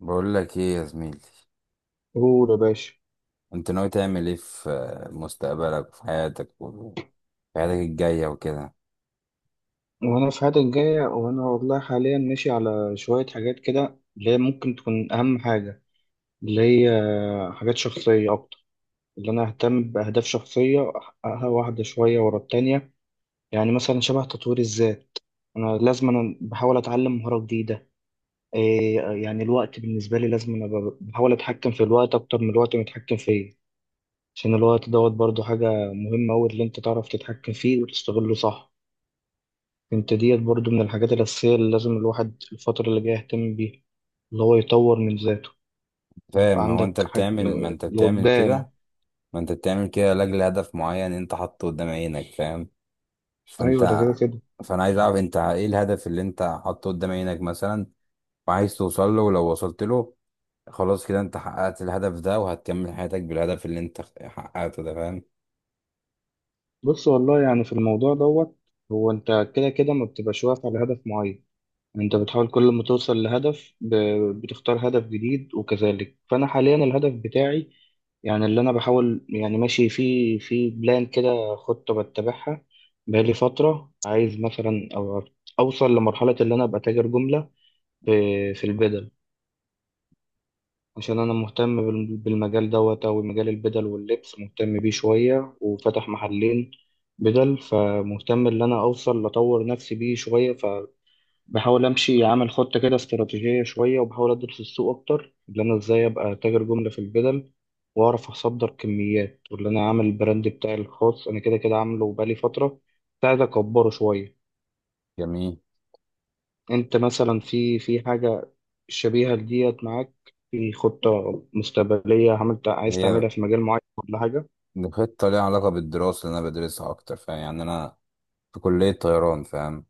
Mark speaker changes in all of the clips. Speaker 1: بقول لك ايه يا زميلي؟
Speaker 2: قول يا باشا.
Speaker 1: انت ناوي تعمل ايه في مستقبلك وفي حياتك وفي حياتك الجاية وكده،
Speaker 2: وانا في حياتي الجاية، وانا والله حاليا ماشي على شوية حاجات كده اللي هي ممكن تكون اهم حاجة، اللي هي حاجات شخصية اكتر، اللي انا اهتم باهداف شخصية احققها واحدة شوية ورا التانية. يعني مثلا شبه تطوير الذات، انا لازم، انا بحاول اتعلم مهارة جديدة. إيه يعني الوقت بالنسبة لي، لازم بحاول اتحكم في الوقت اكتر من الوقت متحكم فيه. عشان الوقت دوت برضو حاجة مهمة أوي، اللي أنت تعرف تتحكم فيه وتستغله صح. انت ديت برضو من الحاجات الأساسية اللي لازم الواحد الفترة اللي جاية يهتم بيها، اللي هو يطور من ذاته،
Speaker 1: فاهم؟
Speaker 2: يبقى عندك حاج... لقدام.
Speaker 1: ما انت بتعمل كده لاجل هدف معين انت حاطه قدام عينك، فاهم؟
Speaker 2: أيوة، ده
Speaker 1: فانت
Speaker 2: كده كده.
Speaker 1: فانا عايز اعرف انت ايه الهدف اللي انت حاطه قدام عينك مثلا، وعايز توصل له. ولو وصلت له خلاص كده، انت حققت الهدف ده وهتكمل حياتك بالهدف اللي انت حققته ده، فاهم؟
Speaker 2: بص والله، يعني في الموضوع دوت، هو أنت كده كده ما بتبقاش واقف على هدف معين، أنت بتحاول كل ما توصل لهدف ب... بتختار هدف جديد وكذلك. فأنا حاليا الهدف بتاعي، يعني اللي أنا بحاول، يعني ماشي في بلان كده، خطة بتبعها بقالي فترة، عايز مثلا أو أوصل لمرحلة اللي أنا أبقى تاجر جملة في البدل. عشان أنا مهتم بالمجال دوت، أو مجال البدل واللبس مهتم بيه شوية وفتح محلين بدل، فمهتم إن أنا أوصل لأطور نفسي بيه شوية. فبحاول أمشي أعمل خطة كده استراتيجية شوية، وبحاول أدرس السوق أكتر إن أنا إزاي أبقى تاجر جملة في البدل، وأعرف أصدر كميات، وإن أنا أعمل البراند بتاعي الخاص. أنا كده كده عامله بقالي فترة، ساعد أكبره شوية.
Speaker 1: جميل.
Speaker 2: انت مثلا في حاجة شبيهة لديت معاك، في خطة مستقبلية عملت عايز
Speaker 1: هي
Speaker 2: تعملها في مجال معين ولا حاجة؟
Speaker 1: خطة ليها علاقة بالدراسة اللي أنا بدرسها أكتر، فاهم؟ يعني أنا في كلية طيران، فاهم؟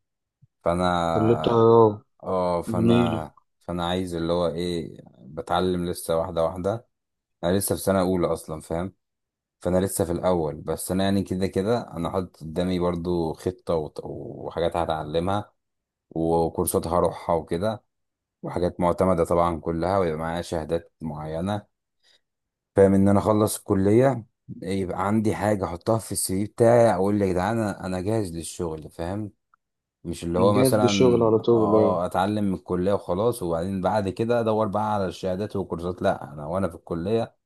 Speaker 2: تقول لي
Speaker 1: فانا
Speaker 2: اه.
Speaker 1: اه
Speaker 2: جميلة.
Speaker 1: فانا فانا عايز اللي هو ايه، بتعلم لسه واحدة واحدة. انا لسه في سنة اولى اصلا، فاهم؟ فانا لسه في الاول، بس انا يعني كده كده انا حاطط قدامي برضو خطة وحاجات هتعلمها، وكورسات هروحها وكده، وحاجات معتمدة طبعا كلها، ويبقى معايا شهادات معينة، فاهم؟ ان انا اخلص الكلية يبقى عندي حاجة احطها في السي في بتاعي، اقول يا جدعان أنا جاهز للشغل، فاهم؟ مش اللي هو
Speaker 2: جاهز
Speaker 1: مثلا
Speaker 2: للشغل على طول، اه.
Speaker 1: اتعلم من الكليه وخلاص، وبعدين بعد كده ادور بقى على الشهادات والكورسات. لا، انا وانا في الكليه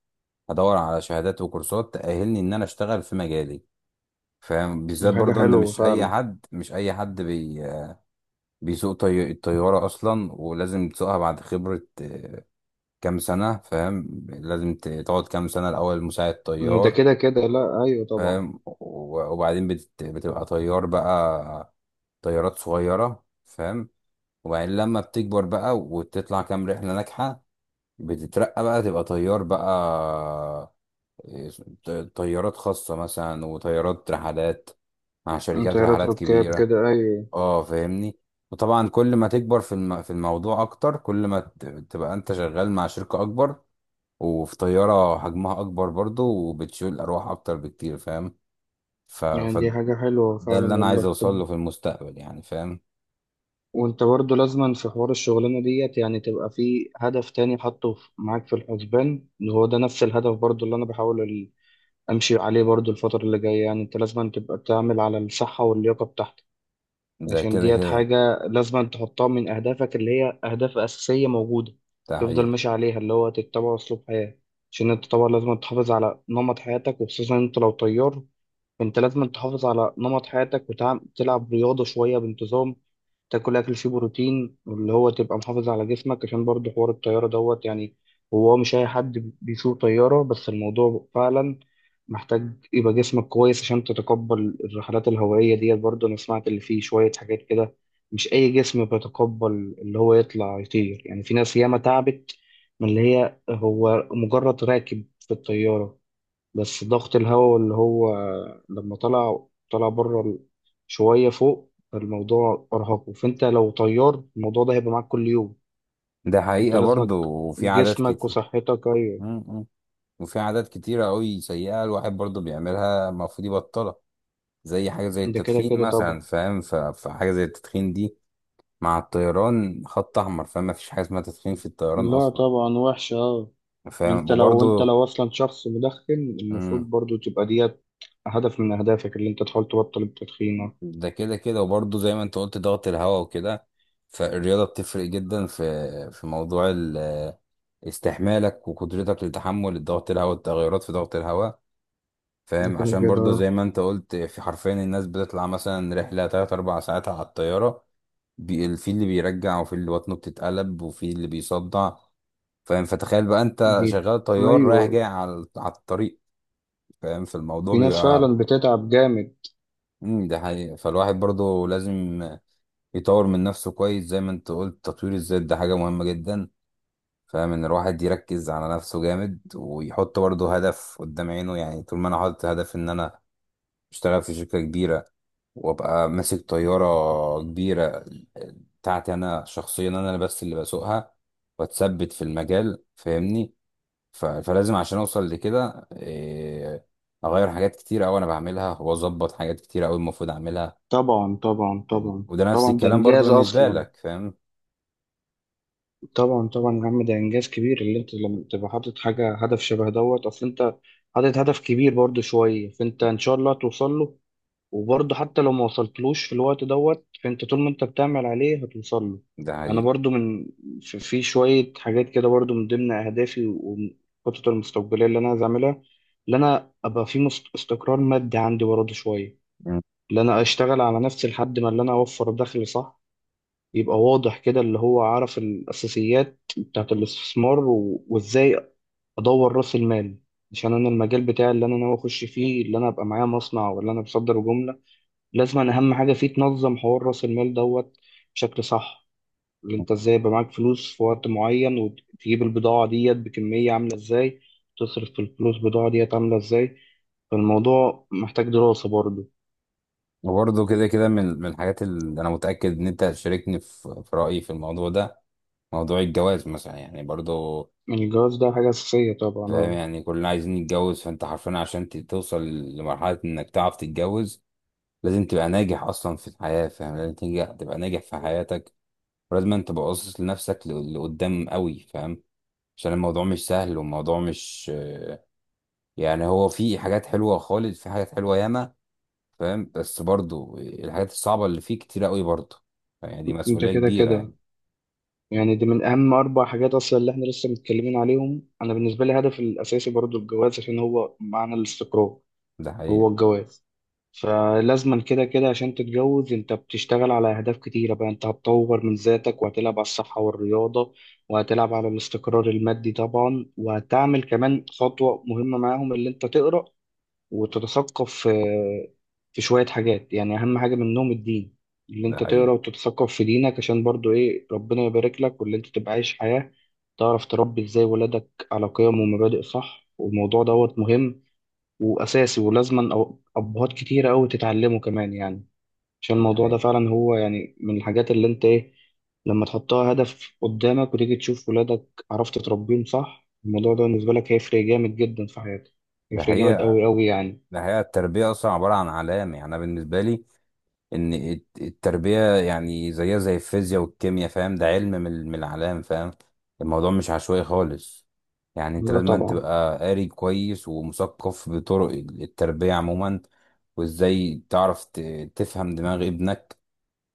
Speaker 1: هدور على شهادات وكورسات تاهلني ان انا اشتغل في مجالي، فاهم؟
Speaker 2: دي
Speaker 1: بالذات
Speaker 2: حاجة
Speaker 1: برضه ان
Speaker 2: حلوة فعلا.
Speaker 1: مش اي حد بيسوق الطياره اصلا، ولازم تسوقها بعد خبره، كام سنه، فاهم؟ لازم تقعد كام سنه الاول مساعد
Speaker 2: ده
Speaker 1: طيار،
Speaker 2: كده كده، لا ايوه طبعا.
Speaker 1: فاهم؟ وبعدين بتبقى طيار بقى، طيارات صغيره، فاهم؟ وبعدين لما بتكبر بقى وتطلع كام رحلة ناجحة، بتترقى بقى تبقى طيار بقى، إيه، ط- طيارات خاصة مثلا، وطيارات رحلات مع شركات
Speaker 2: طيارات
Speaker 1: رحلات
Speaker 2: ركاب
Speaker 1: كبيرة.
Speaker 2: كده، ايوه.
Speaker 1: اه، فاهمني؟ وطبعا كل ما تكبر في الموضوع اكتر، كل ما تبقى انت شغال مع شركة اكبر، وفي طيارة حجمها اكبر برضو، وبتشيل ارواح اكتر بكتير، فاهم؟
Speaker 2: يعني دي
Speaker 1: فده
Speaker 2: حاجة حلوة فعلا
Speaker 1: اللي انا عايز
Speaker 2: والله،
Speaker 1: اوصل
Speaker 2: خد.
Speaker 1: له في المستقبل، يعني فاهم؟
Speaker 2: وانت برضه لازما في حوار الشغلانة ديت، يعني تبقى في هدف تاني حاطه معاك في الحسبان، اللي هو ده نفس الهدف برضه اللي انا بحاول امشي عليه برضو الفترة اللي جاية. يعني انت لازم تبقى تعمل على الصحة واللياقة بتاعتك،
Speaker 1: ده
Speaker 2: عشان
Speaker 1: كده
Speaker 2: ديت
Speaker 1: كده.
Speaker 2: حاجة لازم تحطها من اهدافك، اللي هي اهداف اساسية موجودة
Speaker 1: ده
Speaker 2: تفضل
Speaker 1: حقيقي.
Speaker 2: ماشي عليها، اللي هو تتبع اسلوب حياة. عشان انت طبعا لازم تحافظ على نمط حياتك، وخصوصا انت لو طيار، فانت لازم تحافظ على نمط حياتك وتلعب رياضة شوية بانتظام، تاكل اكل فيه بروتين، واللي هو تبقى محافظ على جسمك، عشان برضه حوار الطياره دوت، يعني هو مش اي حد بيسوق طياره، بس الموضوع فعلا محتاج يبقى جسمك كويس عشان تتقبل الرحلات الهوائيه ديت. برضه انا سمعت اللي فيه شويه حاجات كده، مش اي جسم بيتقبل اللي هو يطلع يطير. يعني في ناس ياما تعبت من اللي هي هو مجرد راكب في الطياره، بس ضغط الهواء اللي هو لما طلع بره شوية فوق، الموضوع أرهقه. فأنت لو طيار، الموضوع ده هيبقى معاك كل يوم.
Speaker 1: ده
Speaker 2: أنت
Speaker 1: حقيقة
Speaker 2: لازمك
Speaker 1: برضه. وفي عادات
Speaker 2: جسمك
Speaker 1: كتير
Speaker 2: وصحتك، أيوة.
Speaker 1: مم. مم. وفي عادات كتيرة أوي سيئة الواحد برضه بيعملها، المفروض يبطلها، زي حاجة زي
Speaker 2: ده كده
Speaker 1: التدخين
Speaker 2: كده طبعا.
Speaker 1: مثلا، فاهم؟ فحاجة زي التدخين دي مع الطيران خط أحمر، فاهم؟ مفيش حاجة اسمها تدخين في الطيران
Speaker 2: لا
Speaker 1: أصلا،
Speaker 2: طبعا، وحشة، أه.
Speaker 1: فاهم؟
Speaker 2: أنت لو،
Speaker 1: وبرضه
Speaker 2: أصلا شخص مدخن، المفروض
Speaker 1: مم.
Speaker 2: برضو تبقى ديت هدف من أهدافك اللي أنت تحاول تبطل التدخين، اه.
Speaker 1: ده كده كده، وبرضه زي ما أنت قلت ضغط الهواء وكده. فالرياضة بتفرق جدا في موضوع استحمالك وقدرتك لتحمل الضغط الهواء والتغيرات في ضغط الهواء،
Speaker 2: ده
Speaker 1: فاهم؟
Speaker 2: كده
Speaker 1: عشان
Speaker 2: كده،
Speaker 1: برضه زي
Speaker 2: أه.
Speaker 1: ما انت قلت، في حرفيا الناس بتطلع مثلا رحلة تلات أربع ساعات على الطيارة، في اللي بيرجع، وفي اللي بطنه بتتقلب، وفي اللي بيصدع، فاهم؟ فتخيل بقى انت
Speaker 2: دي،
Speaker 1: شغال طيار رايح جاي
Speaker 2: أيوة.
Speaker 1: على الطريق، فاهم؟ في الموضوع
Speaker 2: في ناس فعلا
Speaker 1: بيبقى
Speaker 2: بتتعب جامد.
Speaker 1: ده حقيقة. فالواحد برضه لازم يطور من نفسه كويس، زي ما انت قلت تطوير الذات ده حاجة مهمة جدا، فاهم؟ ان الواحد يركز على نفسه جامد ويحط برضه هدف قدام عينه. يعني طول ما انا حاطط هدف ان انا اشتغل في شركة كبيرة، وابقى ماسك طيارة كبيرة بتاعتي انا شخصيا، انا اللي بس اللي بسوقها، واتثبت في المجال، فاهمني؟ فلازم عشان اوصل لكده اغير حاجات كتير قوي انا بعملها، واظبط حاجات كتير قوي المفروض اعملها،
Speaker 2: طبعا طبعا
Speaker 1: فاهمني؟
Speaker 2: طبعا.
Speaker 1: وده نفس
Speaker 2: طبعا ده
Speaker 1: الكلام برضو
Speaker 2: إنجاز
Speaker 1: بالنسبة
Speaker 2: أصلا.
Speaker 1: لك، فاهم؟
Speaker 2: طبعا طبعا يا عم، ده انجاز كبير اللي انت لما تبقى حاطط حاجه هدف شبه دوت، اصل انت حاطط هدف كبير برضه شويه، فانت ان شاء الله هتوصل له. وبرضه حتى لو ما وصلتلوش في الوقت دوت، فانت طول ما انت بتعمل عليه هتوصل له.
Speaker 1: ده
Speaker 2: انا
Speaker 1: حقيقي.
Speaker 2: برضه من، في شويه حاجات كده برضه من ضمن اهدافي والخطط المستقبليه اللي انا عايز اعملها، اللي انا ابقى في استقرار مادي عندي برضه شويه،
Speaker 1: مم.
Speaker 2: اللي انا اشتغل على نفسي لحد ما اللي انا اوفر دخل صح، يبقى واضح كده اللي هو عارف الأساسيات بتاعت الاستثمار وإزاي أدور رأس المال. عشان أنا المجال بتاعي اللي أنا ناوي أخش فيه، اللي أنا أبقى معايا مصنع ولا أنا بصدر جملة، لازم أنا أهم حاجة فيه تنظم حوار رأس المال دوت بشكل صح، اللي أنت إزاي يبقى معاك فلوس في وقت معين وتجيب البضاعة ديت بكمية عاملة إزاي، تصرف في الفلوس البضاعة ديت عاملة إزاي. فالموضوع محتاج دراسة برضه.
Speaker 1: وبرضو كده كده، من الحاجات اللي انا متأكد ان انت هتشاركني في رأيي في الموضوع ده، موضوع الجواز مثلا يعني برضو،
Speaker 2: يعني الجواز ده حاجة أساسية طبعا،
Speaker 1: فاهم؟
Speaker 2: آه.
Speaker 1: يعني كلنا عايزين نتجوز. فانت حرفيا عشان توصل لمرحلة انك تعرف تتجوز، لازم تبقى ناجح اصلا في الحياة، فاهم؟ لازم تنجح تبقى ناجح في حياتك، ولازم انت تبقى باصص لنفسك لقدام قوي، فاهم؟ عشان الموضوع مش سهل، والموضوع مش يعني هو في حاجات حلوة خالص، في حاجات حلوة ياما، فاهم؟ بس برضو الحاجات الصعبة اللي فيه كتير قوي برضو، يعني دي
Speaker 2: أنت
Speaker 1: مسؤولية
Speaker 2: كده
Speaker 1: كبيرة
Speaker 2: كده،
Speaker 1: يعني.
Speaker 2: يعني دي من أهم أربع حاجات أصلا اللي إحنا لسه متكلمين عليهم. أنا بالنسبة لي الهدف الأساسي برضو الجواز، عشان هو معنى الاستقرار
Speaker 1: ده
Speaker 2: هو
Speaker 1: حقيقة.
Speaker 2: الجواز. فلازما كده كده عشان تتجوز أنت بتشتغل على أهداف كتيرة بقى، أنت هتطور من ذاتك، وهتلعب على الصحة والرياضة، وهتلعب على الاستقرار المادي طبعا، وهتعمل كمان خطوة مهمة معاهم اللي أنت تقرأ وتتثقف في شوية حاجات، يعني أهم حاجة منهم الدين، اللي
Speaker 1: ده
Speaker 2: أنت تقرأ
Speaker 1: حقيقة.
Speaker 2: وتتثقف في دينك، عشان برضو إيه ربنا يبارك لك، واللي أنت تبقى عايش حياة تعرف تربي إزاي ولادك على قيم ومبادئ صح. والموضوع دوت مهم وأساسي، ولازما أبهات كتيرة أوي تتعلمه كمان يعني. عشان
Speaker 1: ده
Speaker 2: الموضوع ده
Speaker 1: حقيقة.
Speaker 2: فعلا هو يعني من الحاجات اللي أنت إيه، لما تحطها هدف قدامك وتيجي تشوف ولادك عرفت تربيهم صح، الموضوع ده بالنسبة لك هيفرق جامد جدا في حياتك.
Speaker 1: ده
Speaker 2: هيفرق جامد أوي
Speaker 1: حقيقة.
Speaker 2: أوي يعني.
Speaker 1: ده حقيقة. التربية أصلا عبارة عن علام، يعني أنا بالنسبة لي ان التربية يعني زيها زي الفيزياء والكيمياء، فاهم؟ ده علم من الأعلام، فاهم؟ الموضوع مش عشوائي خالص. يعني انت
Speaker 2: لا
Speaker 1: لازم أن
Speaker 2: طبعا.
Speaker 1: تبقى قاري كويس ومثقف بطرق التربية عموما، وازاي تعرف تفهم دماغ ابنك،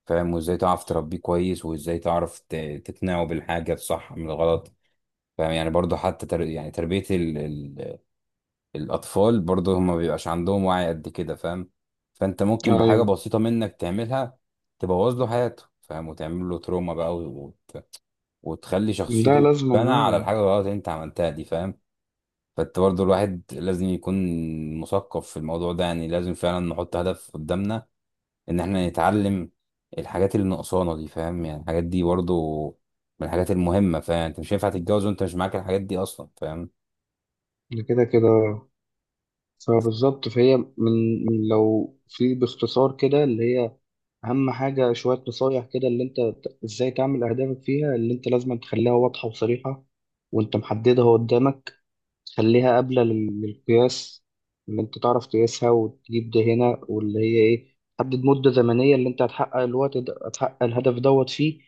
Speaker 1: فاهم؟ وازاي تعرف تربيه كويس، وازاي تعرف تقنعه بالحاجة الصح من الغلط، فاهم؟ يعني برضه حتى يعني تربية الأطفال برضه، هما مبيبقاش عندهم وعي قد كده، فاهم؟ فأنت ممكن بحاجة
Speaker 2: ايوه،
Speaker 1: بسيطة منك تعملها تبوظ له حياته، فاهم؟ وتعمل له تروما بقى وتخلي
Speaker 2: ده
Speaker 1: شخصيته
Speaker 2: لازم،
Speaker 1: تتبنى على
Speaker 2: آه.
Speaker 1: الحاجة الغلط اللي أنت عملتها دي، فاهم؟ فأنت برضه الواحد لازم يكون مثقف في الموضوع ده، يعني لازم فعلا نحط هدف قدامنا إن إحنا نتعلم الحاجات اللي ناقصانا دي، فاهم؟ يعني الحاجات دي برضه من الحاجات المهمة، فاهم؟ يعني أنت مش هينفع تتجوز وأنت مش معاك الحاجات دي أصلا، فاهم؟
Speaker 2: ده كده كده. فبالظبط، فهي من لو في باختصار كده اللي هي اهم حاجه شويه نصايح كده، اللي انت ازاي تعمل اهدافك فيها، اللي انت لازم تخليها واضحه وصريحه وانت محددها قدامك، خليها قابلة للقياس، إن أنت تعرف تقيسها وتجيب ده هنا. واللي هي إيه، حدد مدة زمنية اللي أنت هتحقق الوقت ده هتحقق الهدف دوت فيه،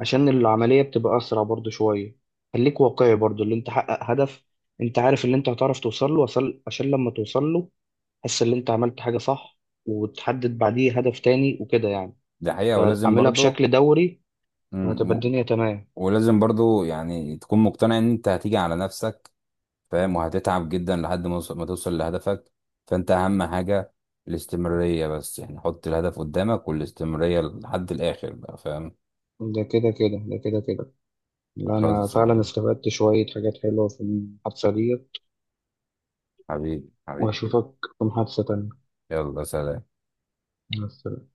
Speaker 2: عشان العملية بتبقى أسرع برضو شوية. خليك واقعي برضو، اللي أنت حقق هدف أنت عارف اللي أنت هتعرف توصل له وصل، عشان لما توصل له تحس إن أنت عملت حاجة صح، وتحدد بعديه هدف تاني وكده يعني.
Speaker 1: دي حقيقة.
Speaker 2: فأعملها بشكل دوري وهتبقى الدنيا تمام.
Speaker 1: ولازم برضو يعني تكون مقتنع ان انت هتيجي على نفسك، فاهم؟ وهتتعب جدا لحد ما ما توصل لهدفك. فانت اهم حاجة الاستمرارية، بس يعني حط الهدف قدامك والاستمرارية لحد الاخر بقى، فاهم؟
Speaker 2: ده كده كده، ده كده كده. لا أنا
Speaker 1: خلص.
Speaker 2: فعلا استفدت شوية حاجات حلوة في المحادثة دي.
Speaker 1: حبيبي حبيبي.
Speaker 2: وأشوفك في محادثة تانية.
Speaker 1: يلا سلام.
Speaker 2: بس.